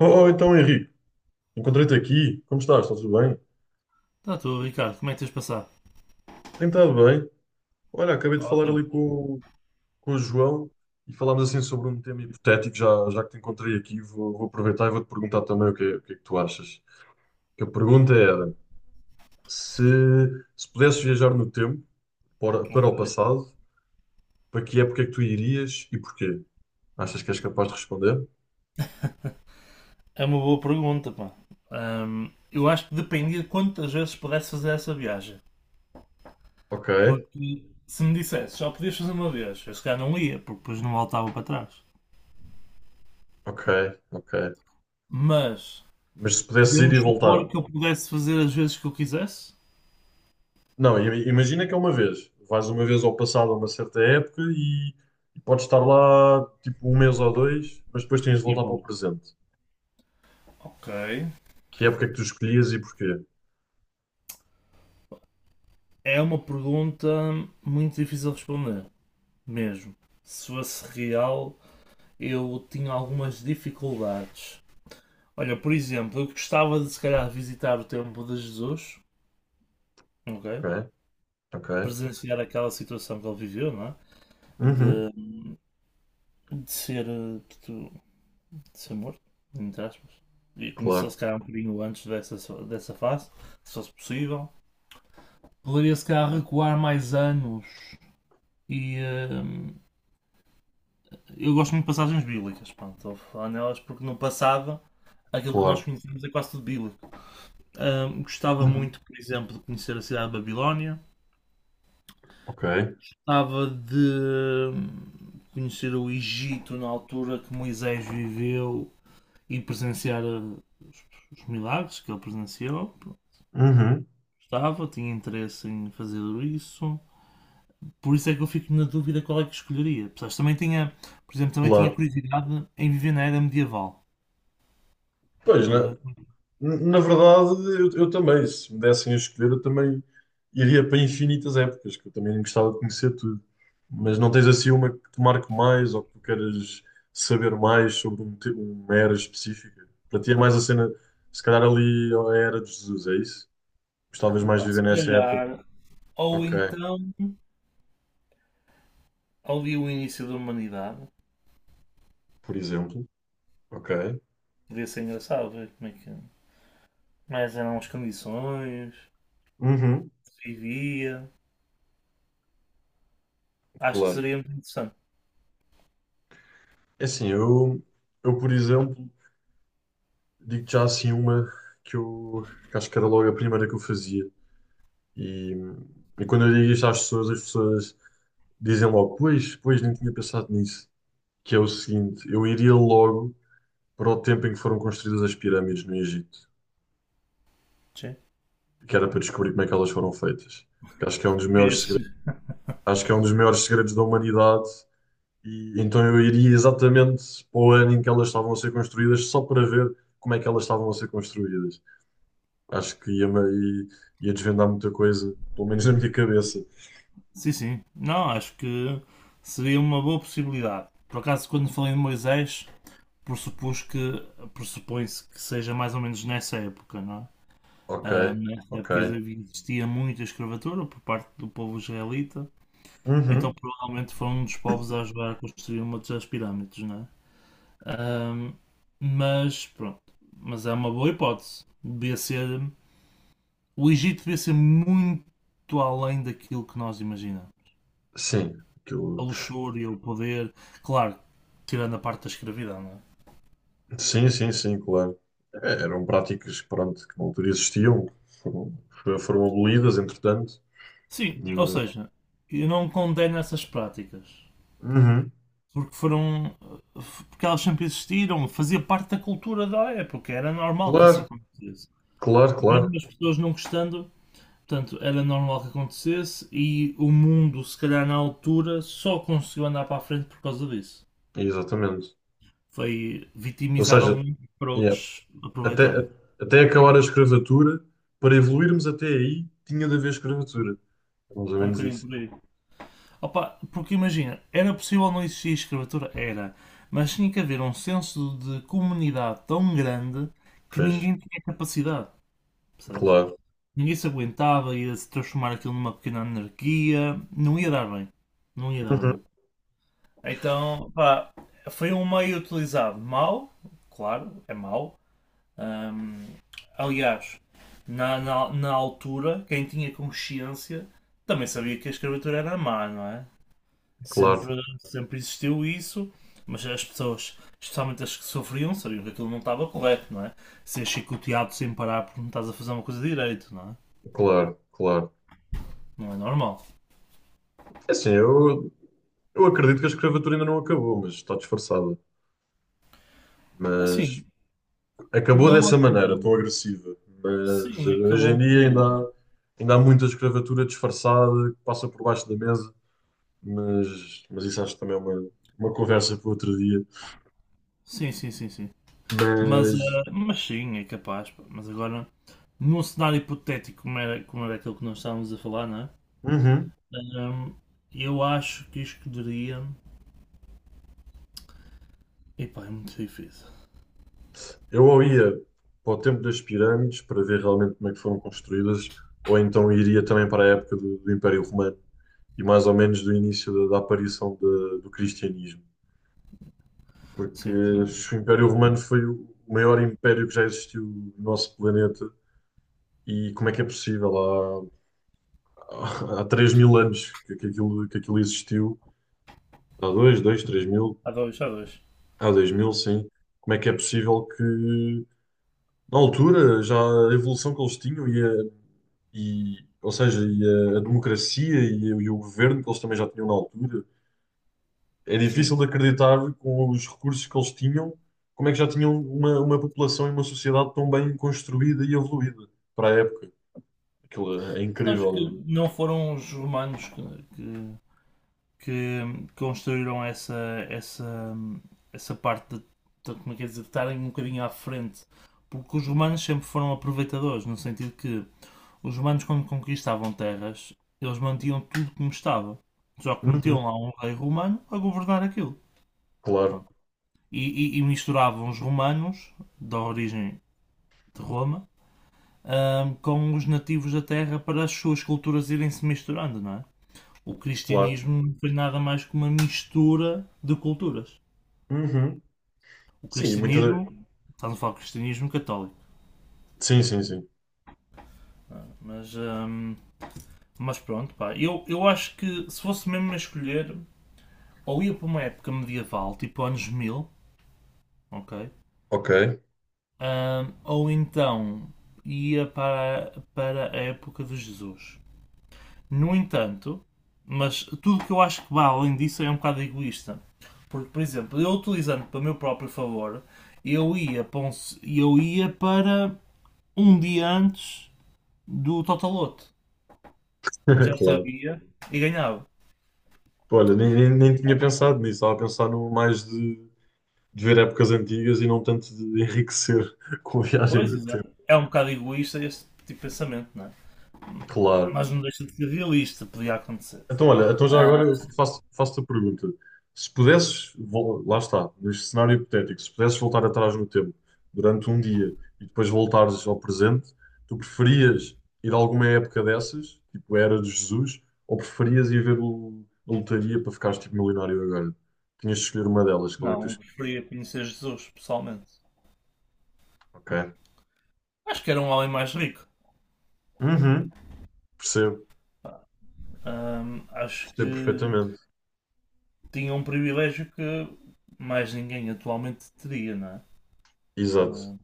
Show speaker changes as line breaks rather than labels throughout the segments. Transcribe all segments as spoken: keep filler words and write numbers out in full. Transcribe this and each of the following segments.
Oh, então, Henrique, encontrei-te aqui. Como estás? Está tudo bem?
Está tudo, Ricardo. Como é que tens passado?
Tem estado bem. Olha, acabei de falar
Ótimo.
ali com, o- com o João e falámos assim sobre um tema hipotético. Já, já que te encontrei aqui, vou, vou aproveitar e vou-te perguntar também o que é, o que é que tu achas. Que a pergunta era: se, se pudesses viajar no tempo para, para
Ok.
o passado, para que época é que tu irias e porquê? Achas que és capaz de responder?
É uma boa pergunta, pá. Ahm, eu acho que dependia de quantas vezes pudesse fazer essa viagem.
Ok,
Porque se me dissesse só podias fazer uma vez, eu se calhar não ia, porque depois não voltava para trás.
ok, ok.
Mas
Mas se pudesses ir e
podemos
voltar.
supor que eu pudesse fazer as vezes que eu quisesse?
Não, i- imagina que é uma vez. Vais uma vez ao passado a uma certa época e, e podes estar lá tipo um mês ou dois, mas depois tens de
E
voltar para
bom.
o presente.
Ok.
Que época é que tu escolhias e porquê?
É uma pergunta muito difícil de responder, mesmo. Se fosse real, eu tinha algumas dificuldades. Olha, por exemplo, eu gostava de se calhar visitar o tempo de Jesus, ok?
Ok, ok.
Presenciar aquela situação que ele viveu, não é?
Uhum.
De, de ser, eh, de, de ser morto, entre aspas. E conhecer se
Claro,
calhar um bocadinho antes dessa, dessa fase, se fosse possível. Poderia se calhar recuar mais anos. E eh, eu gosto muito de passagens bíblicas, pronto, estou a falar nelas porque no passado aquilo que nós
claro.
conhecemos é quase tudo bíblico. Ah, gostava
Uhum.
muito, por exemplo, de conhecer a cidade de Babilónia,
Ok.
gostava de conhecer o Egito na altura que Moisés viveu e presenciar uh, os, os milagres que ele presenciou. Pronto,
Uhum.
gostava, tinha interesse em fazer isso. Por isso é que eu fico na dúvida qual é que escolheria. Apesar de também tinha, por exemplo, também tinha
Claro.
curiosidade em viver na era medieval.
Pois, né?
Estás a ver?
Na verdade, eu, eu também, se me dessem a escolher, eu também iria para infinitas épocas, que eu também gostava de conhecer tudo. Mas não tens assim uma que te marque mais ou que tu queiras saber mais sobre um te- uma era específica? Para ti é mais a cena, se calhar ali a era de Jesus, é isso? Gostavas mais de
Pá,
viver
se
nessa época?
calhar, ou
Ok,
então ali o início da humanidade.
por exemplo. Ok.
Podia ser engraçado ver como é que. Mas eram as condições,
Uhum,
se vivia. Acho que
claro.
seria muito interessante.
É assim, eu, eu por exemplo, digo já assim uma que eu que acho que era logo a primeira que eu fazia. E, e quando eu digo isto às pessoas, as pessoas dizem logo, pois, pois, nem tinha pensado nisso. Que é o seguinte, eu iria logo para o tempo em que foram construídas as pirâmides no Egito,
Sim.
que era para descobrir como é que elas foram feitas. Que acho que é um dos maiores segredos,
Esse-
acho que é um dos maiores segredos da humanidade. E então eu iria exatamente para o ano em que elas estavam a ser construídas, só para ver como é que elas estavam a ser construídas. Acho que ia, ia, ia desvendar muita coisa, pelo menos na minha cabeça.
Sim, sim. Não, acho que seria uma boa possibilidade. Por acaso, quando falei de Moisés, pressupus que pressupõe-se que seja mais ou menos nessa época, não é?
Ok,
Ah, nessa
ok.
época existia muita escravatura por parte do povo israelita, então
Uhum.
provavelmente foi um dos povos a ajudar a construir uma das pirâmides, não é? Ah, mas pronto, mas é uma boa hipótese. Devia ser O Egito devia ser muito além daquilo que nós imaginamos.
Sim,
A
aquilo.
luxúria, o poder, claro, tirando a parte da escravidão, não é?
Sim, sim, sim, claro. É, eram práticas, pronto, que na altura existiam, foram, foram abolidas, entretanto.
Sim, ou
Mas-
seja, eu não condeno essas práticas.
Uhum.
Porque foram. Porque elas sempre existiram, fazia parte da cultura da época, era normal que isso
Claro,
acontecesse.
claro, claro.
Mesmo as pessoas não gostando, portanto, era normal que acontecesse e o mundo, se calhar na altura, só conseguiu andar para a frente por causa disso.
Exatamente.
Foi
Ou
vitimizaram
seja,
um para
yeah,
outros aproveitarem.
até, até acabar a escravatura, para evoluirmos até aí, tinha de haver escravatura. É, mais ou
É um
menos
bocadinho
isso.
por aí. Opa, porque imagina, era possível não existir escravatura? Era. Mas tinha que haver um senso de comunidade tão grande que
Fez.
ninguém tinha capacidade, percebes?
Claro.
Ninguém se aguentava, ia se transformar aquilo numa pequena anarquia. Não ia dar bem. Não ia dar
Uhum.
bem. Então, pá, foi um meio utilizado mal, claro, é mau. Ahm, Aliás, na, na, na altura, quem tinha consciência também sabia que a escravatura era má, não é?
Claro,
Sempre, Sempre existiu isso, mas as pessoas, especialmente as que sofriam, sabiam que aquilo não estava correto, não é? Ser chicoteado sem parar porque não estás a fazer uma coisa direito, não é?
claro, claro.
Não é normal.
É, assim, eu, eu acredito que a escravatura ainda não acabou, mas está disfarçada. Mas
Assim,
acabou
não
dessa maneira,
acabou.
tão agressiva, mas
Sim,
hoje
acabou um
em dia ainda
bocadinho.
há, ainda há muita escravatura disfarçada que passa por baixo da mesa, mas, mas isso acho que também é uma, uma conversa para outro dia.
Sim, sim, sim, sim. Mas, eh,
Mas,
mas sim, é capaz, pá. Mas agora, num cenário hipotético como era, como era aquele que nós estávamos a falar, não é?
uhum,
Ahm, eu acho que escolheria. Epá, é muito difícil.
eu ou ia para o tempo das pirâmides para ver realmente como é que foram construídas, ou então iria também para a época do, do Império Romano e mais ou menos do início da, da aparição da- do cristianismo.
Sim.
Porque se o Império Romano foi o maior império que já existiu no nosso planeta. E como é que é possível? Há, há três mil anos que, que aquilo, que aquilo existiu. Há dois dois três mil.
Há dois, há dois.
Há dois mil, sim. Como é que é possível que, na altura, já a evolução que eles tinham e, a, e ou seja, e a, a democracia e, o- e o governo que eles também já tinham na altura, é
Sim.
difícil de acreditar com os recursos que eles tinham, como é que já tinham uma, uma população e uma sociedade tão bem construída e evoluída para a época. Aquilo é, é
Sabes que
incrível.
não foram os romanos que, que, que construíram essa, essa, essa parte de, de- como é que é dizer, de estarem um bocadinho à frente. Porque os romanos sempre foram aproveitadores, no sentido que os romanos, quando conquistavam terras, eles mantinham tudo como estava. Só que metiam
Uhum.
lá um rei romano a governar aquilo.
Claro,
Pronto. E, e- e misturavam os romanos, da origem de Roma, ahm, com os nativos da terra para as suas culturas irem se misturando, não é? O
claro.
cristianismo não foi nada mais que uma mistura de culturas.
Uhum.
O
Sim, e muitas.
cristianismo, estamos a falar de cristianismo católico,
Sim, sim, sim.
não é? Mas, hum, mas pronto, pá, eu, eu acho que se fosse mesmo a escolher, ou ia para uma época medieval, tipo anos mil, ok?
Ok.
Hum, ou então ia para, para a época de Jesus. No entanto, mas tudo que eu acho que vai além disso é um bocado egoísta. Porque, por exemplo, eu utilizando para o meu próprio favor, eu ia para, um, eu ia para um dia antes do Totaloto. Já
Claro.
sabia e ganhava.
Olha, nem, nem, nem tinha pensado nisso. Estava a pensar no mais de, de ver épocas antigas e não tanto de enriquecer com a viagem
Pois,
no tempo.
exato. É um bocado egoísta este tipo de pensamento, não é?
Claro.
Mas não deixa de ser realista, podia acontecer.
Então, olha, então já
Ah,
agora eu faço, faço-te a pergunta. Se pudesses, vol- lá está, neste cenário hipotético, se pudesses voltar atrás no tempo durante um dia e depois voltares ao presente, tu preferias ir a alguma época dessas, tipo a Era de Jesus, ou preferias ir ver o- a lotaria para ficares tipo milionário agora? Tinhas de escolher uma delas, qual é que tu
não, eu
escolhes?
preferia conhecer Jesus pessoalmente.
Ok.
Acho que era um homem mais rico.
Uhum. Percebo,
Ahm, acho
percebo
que
perfeitamente.
tinha um privilégio que mais ninguém atualmente teria, não é?
Exato.
Ah,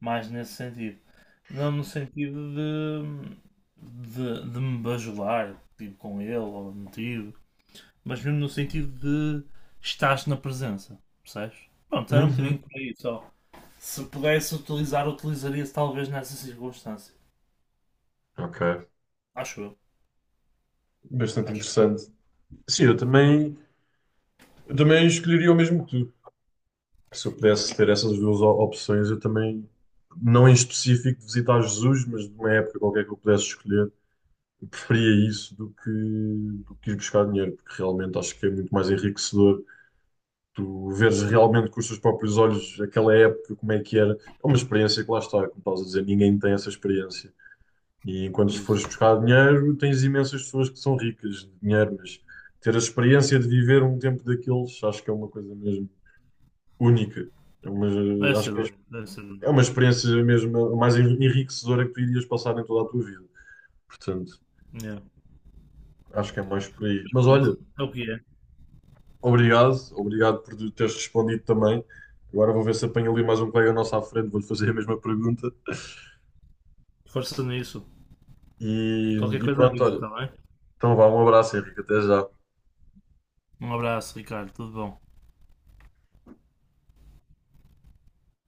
mais nesse sentido. Não no sentido de, de, de me bajular tipo, com ele ou motivo, mas mesmo no sentido de estás na presença, percebes? Pronto, era um
Uhum.
bocadinho por aí só. Se pudesse utilizar, utilizaria-se talvez nessa circunstância.
Ok.
Acho eu.
Bastante
Acho que sim.
interessante. Sim, eu também, eu também, escolheria o mesmo que tu. Se eu pudesse ter essas duas o- opções, eu também, não em específico de visitar Jesus, mas de uma época qualquer que eu pudesse escolher, eu preferia isso do que, do que ir buscar dinheiro, porque realmente acho que é muito mais enriquecedor. Tu veres realmente com os teus próprios olhos aquela época, como é que era. É uma experiência que lá está, como estás a dizer, ninguém tem essa experiência. E enquanto se
Isso.
fores buscar dinheiro, tens imensas pessoas que são ricas de dinheiro, mas ter a experiência de viver um tempo daqueles, acho que é uma coisa mesmo única. É
Deve
uma- acho
ser
que é
único. Deve ser
é
único.
uma experiência mesmo a mais enriquecedora que tu irias passar em toda a tua vida. Portanto,
Yeah.
acho que é mais por aí.
Mas
Mas
pronto,
olha,
é o que é.
obrigado, obrigado por teres respondido também. Agora vou ver se apanho ali mais um colega nosso à frente, vou-lhe fazer a mesma pergunta.
Força nisso.
E,
Qualquer
e
coisa
pronto,
avisa,
olha.
está bem?
Então vá, um abraço, Henrique, até já.
Um abraço, Ricardo, tudo bom.